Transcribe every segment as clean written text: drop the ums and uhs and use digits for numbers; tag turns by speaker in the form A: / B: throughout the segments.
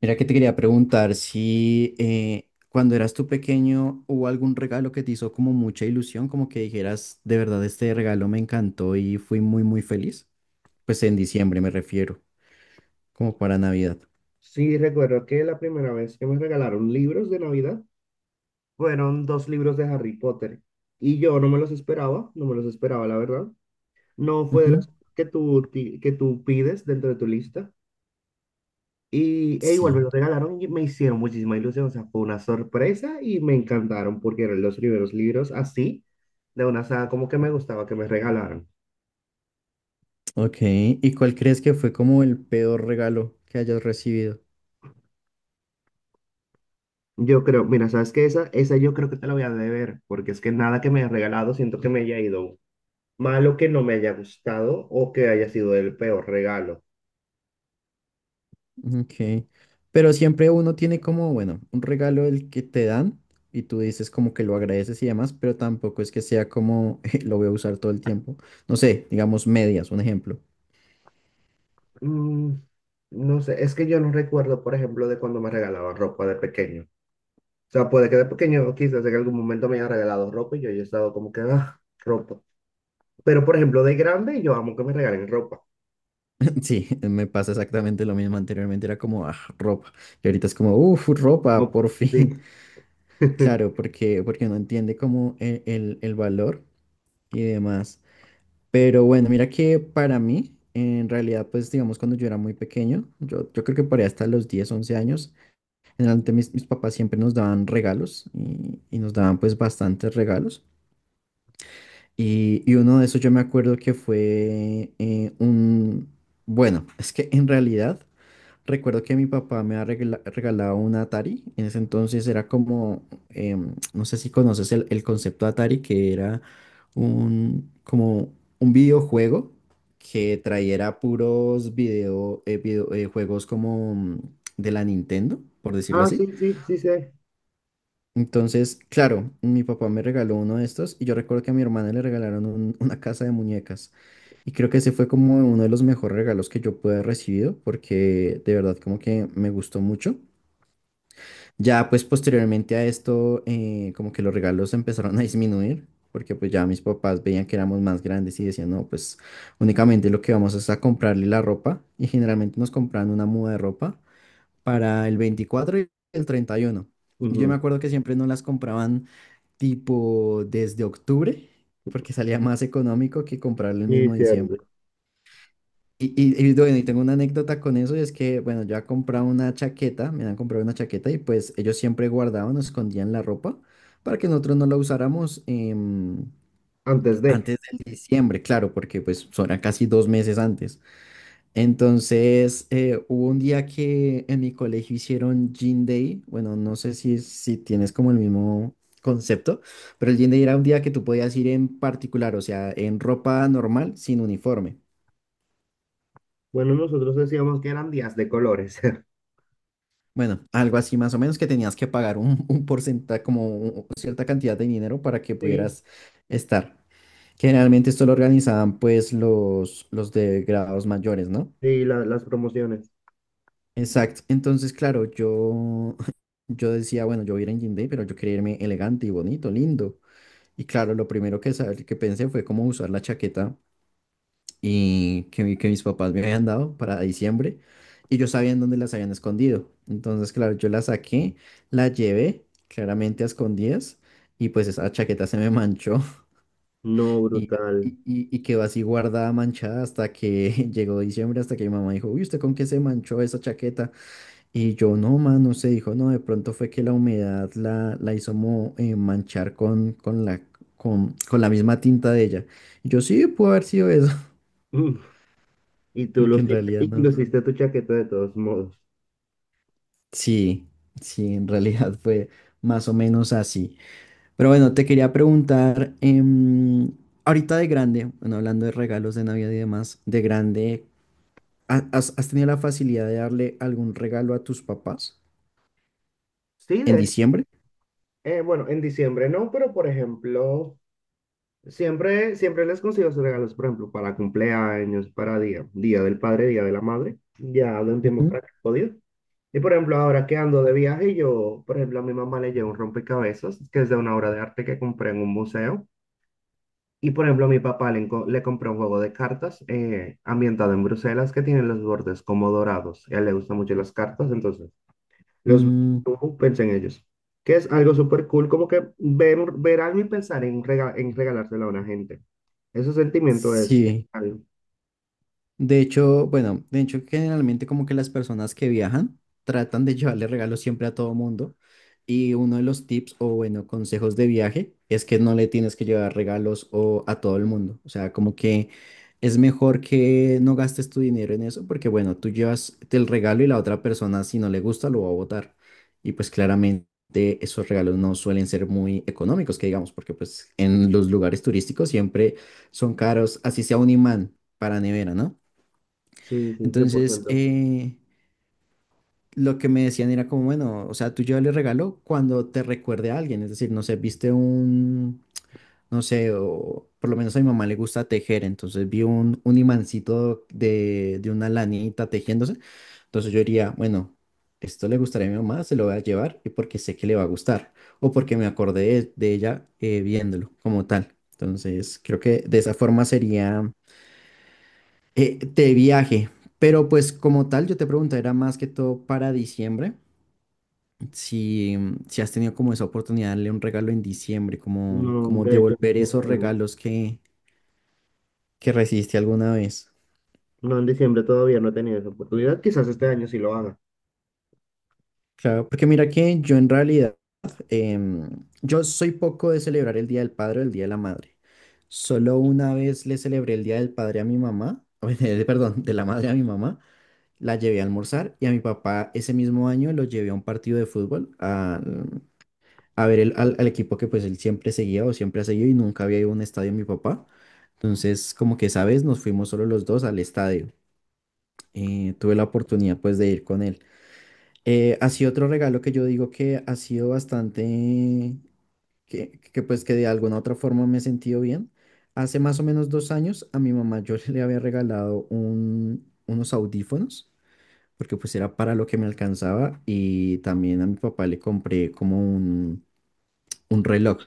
A: Mira que te quería preguntar si cuando eras tú pequeño hubo algún regalo que te hizo como mucha ilusión, como que dijeras, de verdad este regalo me encantó y fui muy muy feliz. Pues en diciembre me refiero, como para Navidad.
B: Sí, recuerdo que la primera vez que me regalaron libros de Navidad fueron dos libros de Harry Potter y yo no me los esperaba, no me los esperaba, la verdad. No fue de
A: Ujú,
B: los que tú pides dentro de tu lista. Y igual me
A: sí,
B: los regalaron y me hicieron muchísima ilusión, o sea, fue una sorpresa y me encantaron porque eran los primeros libros así de una saga como que me gustaba que me regalaran.
A: ok. ¿Y cuál crees que fue como el peor regalo que hayas recibido?
B: Yo creo, mira, ¿sabes qué? Esa yo creo que te la voy a deber porque es que nada que me hayas regalado siento que me haya ido malo, que no me haya gustado o que haya sido el peor regalo.
A: Ok. Pero siempre uno tiene como, bueno, un regalo el que te dan y tú dices como que lo agradeces y demás, pero tampoco es que sea como lo voy a usar todo el tiempo. No sé, digamos medias, un ejemplo.
B: Mm, no sé, es que yo no recuerdo, por ejemplo, de cuando me regalaban ropa de pequeño. O sea, puede que de pequeño quizás en algún momento me hayan regalado ropa y yo haya estado como que, ah, ropa. Pero, por ejemplo, de grande yo amo que me regalen ropa.
A: Sí, me pasa exactamente lo mismo. Anteriormente era como "Ah, ropa y ahorita es como, uff, ropa,
B: Como-
A: por
B: Sí.
A: fin. Claro, porque no entiende como el valor y demás. Pero bueno, mira que para mí, en realidad, pues digamos cuando yo era muy pequeño, yo creo que por ahí hasta los 10 11 años. Generalmente mis papás siempre nos daban regalos y nos daban pues bastantes regalos. Y uno de esos yo me acuerdo que fue un... Bueno, es que en realidad recuerdo que mi papá me ha regalado un Atari. En ese entonces era como, no sé si conoces el concepto Atari, que era un, como un videojuego que trayera puros juegos como de la Nintendo, por decirlo
B: Ah,
A: así.
B: sí, sí, sí, sí.
A: Entonces, claro, mi papá me regaló uno de estos y yo recuerdo que a mi hermana le regalaron una casa de muñecas y creo que ese fue como uno de los mejores regalos que yo pude haber recibido porque de verdad como que me gustó mucho. Ya pues posteriormente a esto como que los regalos empezaron a disminuir porque pues ya mis papás veían que éramos más grandes y decían no, pues únicamente lo que vamos es a comprarle la ropa y generalmente nos compraban una muda de ropa para el 24 y el 31. Y uno. Y yo me
B: Ujú.
A: acuerdo que siempre no las compraban tipo desde octubre, porque salía más económico que comprarlo el
B: Sí,
A: mismo diciembre.
B: cierto.
A: Y bueno, y tengo una anécdota con eso, y es que, bueno, yo he comprado una chaqueta, me han comprado una chaqueta y pues ellos siempre guardaban o escondían la ropa para que nosotros no la usáramos,
B: Antes de.
A: antes del diciembre, claro, porque pues son casi 2 meses antes. Entonces, hubo un día que en mi colegio hicieron Gin Day. Bueno, no sé si tienes como el mismo concepto, pero el Gin Day era un día que tú podías ir en particular, o sea, en ropa normal, sin uniforme.
B: Bueno, nosotros decíamos que eran días de colores.
A: Bueno, algo así más o menos que tenías que pagar un porcentaje, como cierta cantidad de dinero para que
B: Sí,
A: pudieras estar. Generalmente esto lo organizaban pues los de grados mayores, ¿no?
B: sí, las promociones.
A: Exacto. Entonces, claro, yo, yo decía, bueno, yo voy a ir en jean day, pero yo quería irme elegante y bonito, lindo. Y claro, lo primero que, que pensé fue cómo usar la chaqueta y que, que mis papás me habían dado para diciembre. Y yo sabía en dónde las habían escondido. Entonces, claro, yo la saqué, la llevé claramente a escondidas y pues esa chaqueta se me manchó
B: No,
A: y,
B: brutal.
A: y quedó así guardada, manchada hasta que llegó diciembre, hasta que mi mamá dijo, uy, ¿usted con qué se manchó esa chaqueta? Y yo, no, man, no sé, dijo, no, de pronto fue que la humedad la hizo manchar con la misma tinta de ella. Y yo, sí, pudo haber sido eso,
B: Y tú
A: porque en
B: luciste,
A: realidad
B: y
A: no.
B: luciste tu chaqueta de todos modos.
A: Sí, sí, en realidad fue más o menos así. Pero bueno, te quería preguntar, ahorita de grande, bueno, hablando de regalos de Navidad y demás, de grande, has tenido la facilidad de darle algún regalo a tus papás
B: Sí,
A: en
B: de hecho,
A: diciembre?
B: bueno, en diciembre no, pero por ejemplo, siempre, siempre les consigo sus regalos, por ejemplo, para cumpleaños, para día del padre, día de la madre, ya de un tiempo
A: Ujú,
B: para que he podido. Y por ejemplo, ahora que ando de viaje, yo, por ejemplo, a mi mamá le llevo un rompecabezas, que es de una obra de arte que compré en un museo. Y por ejemplo, a mi papá le compré un juego de cartas ambientado en Bruselas que tiene los bordes como dorados. A él le gustan mucho las cartas, entonces los ves,
A: mm,
B: tú piensa en ellos. Que es algo súper cool, como que ver algo y pensar en regalárselo a una gente. Ese sentimiento es
A: sí.
B: genial.
A: De hecho, bueno, de hecho generalmente como que las personas que viajan tratan de llevarle regalos siempre a todo mundo y uno de los tips o bueno, consejos de viaje es que no le tienes que llevar regalos o a todo el mundo, o sea, como que es mejor que no gastes tu dinero en eso porque bueno, tú llevas el regalo y la otra persona si no le gusta lo va a botar y pues claramente esos regalos no suelen ser muy económicos que digamos porque pues en los lugares turísticos siempre son caros, así sea un imán para nevera, ¿no?
B: Sí, sí, cien por
A: Entonces,
B: ciento
A: lo que me decían era como, bueno, o sea, tú llévale el regalo cuando te recuerde a alguien, es decir, no sé, viste un, no sé, o por lo menos a mi mamá le gusta tejer, entonces vi un imancito de una lanita tejiéndose, entonces yo diría, bueno, esto le gustaría a mi mamá, se lo voy a llevar y porque sé que le va a gustar, o porque me acordé de ella, viéndolo como tal. Entonces, creo que de esa forma sería, de viaje, pero pues como tal, yo te pregunto, era más que todo para diciembre, si, si has tenido como esa oportunidad de darle un regalo en diciembre, como,
B: No,
A: como
B: de hecho, en
A: devolver
B: diciembre
A: esos
B: no.
A: regalos que recibiste alguna vez.
B: No, en diciembre todavía no he tenido esa oportunidad. Quizás este año sí lo haga.
A: Claro, porque mira que yo en realidad, em, yo soy poco de celebrar el Día del Padre o el Día de la Madre. Solo una vez le celebré el Día del Padre a mi mamá, perdón, de la Madre a mi mamá, la llevé a almorzar y a mi papá ese mismo año lo llevé a un partido de fútbol, a ver al equipo que pues él siempre seguía o siempre ha seguido y nunca había ido a un estadio mi papá. Entonces, como que esa vez nos fuimos solo los dos al estadio. Tuve la oportunidad pues de ir con él. Así otro regalo que yo digo que ha sido bastante, que pues que de alguna u otra forma me he sentido bien. Hace más o menos 2 años a mi mamá yo le había regalado unos audífonos, porque pues era para lo que me alcanzaba y también a mi papá le compré como un reloj.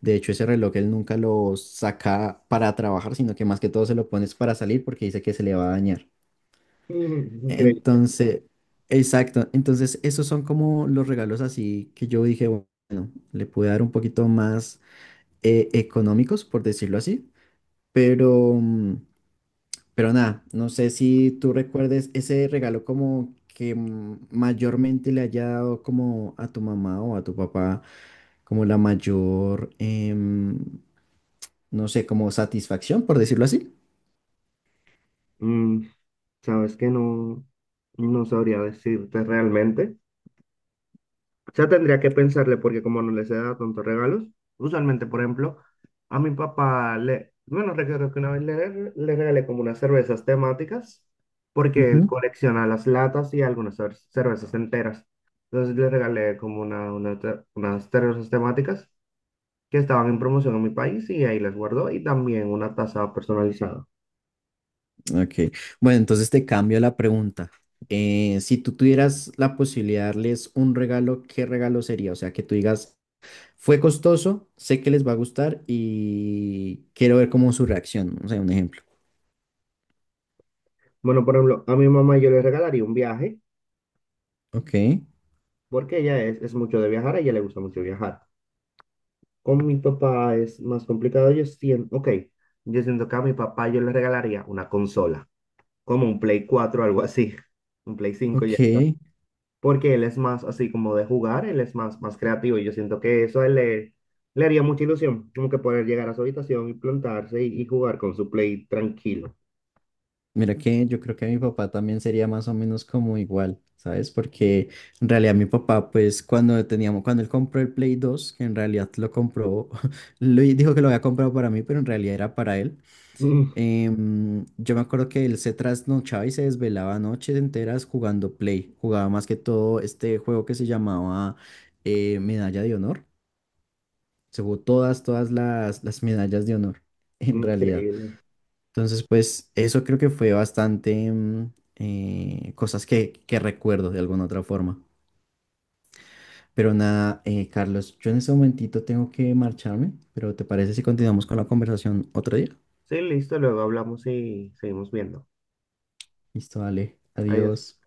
A: De hecho, ese reloj él nunca lo saca para trabajar, sino que más que todo se lo pones para salir porque dice que se le va a dañar.
B: Mm, increíble.
A: Entonces, exacto. Entonces, esos son como los regalos así que yo dije, bueno, le pude dar un poquito más, económicos, por decirlo así. Pero, mm, pero nada, no sé si tú recuerdes ese regalo como que mayormente le haya dado como a tu mamá o a tu papá como la mayor, no sé, como satisfacción, por decirlo así.
B: Mm, sabes que no, no sabría decirte realmente. Ya tendría que pensarle porque como no les he dado tantos regalos, usualmente, por ejemplo, a mi papá le, bueno, recuerdo que una vez le regalé como unas cervezas temáticas porque él
A: Ujú,
B: colecciona las latas y algunas cervezas enteras. Entonces le regalé como unas cervezas temáticas que estaban en promoción en mi país y ahí las guardó y también una taza personalizada.
A: ok. Bueno, entonces te cambio la pregunta. Si tú tuvieras la posibilidad de darles un regalo, ¿qué regalo sería? O sea, que tú digas, fue costoso, sé que les va a gustar y quiero ver cómo su reacción. O sea, un ejemplo.
B: Bueno, por ejemplo, a mi mamá yo le regalaría un viaje
A: Ok,
B: porque ella es mucho de viajar, a ella le gusta mucho viajar. Con mi papá es más complicado. Yo siento, ok, yo siento que a mi papá yo le regalaría una consola, como un Play 4, algo así, un Play 5 y ya
A: ok.
B: está. Porque él es más así como de jugar, él es más, creativo y yo siento que eso a él le haría mucha ilusión, como que poder llegar a su habitación y plantarse y jugar con su Play tranquilo.
A: Mira que yo creo que mi papá también sería más o menos como igual, ¿sabes? Porque en realidad mi papá, pues cuando teníamos, cuando él compró el Play 2, que en realidad lo compró, lo, dijo que lo había comprado para mí, pero en realidad era para él. Yo me acuerdo que él se trasnochaba y se desvelaba noches enteras jugando Play. Jugaba más que todo este juego que se llamaba, Medalla de Honor. Se jugó todas las medallas de honor,
B: Mm,
A: en realidad.
B: increíble.
A: Entonces, pues eso creo que fue bastante, cosas que recuerdo de alguna otra forma. Pero nada, Carlos, yo en este momentito tengo que marcharme, pero ¿te parece si continuamos con la conversación otro día?
B: Sí, listo, luego hablamos y seguimos viendo.
A: Listo, dale,
B: Adiós.
A: adiós.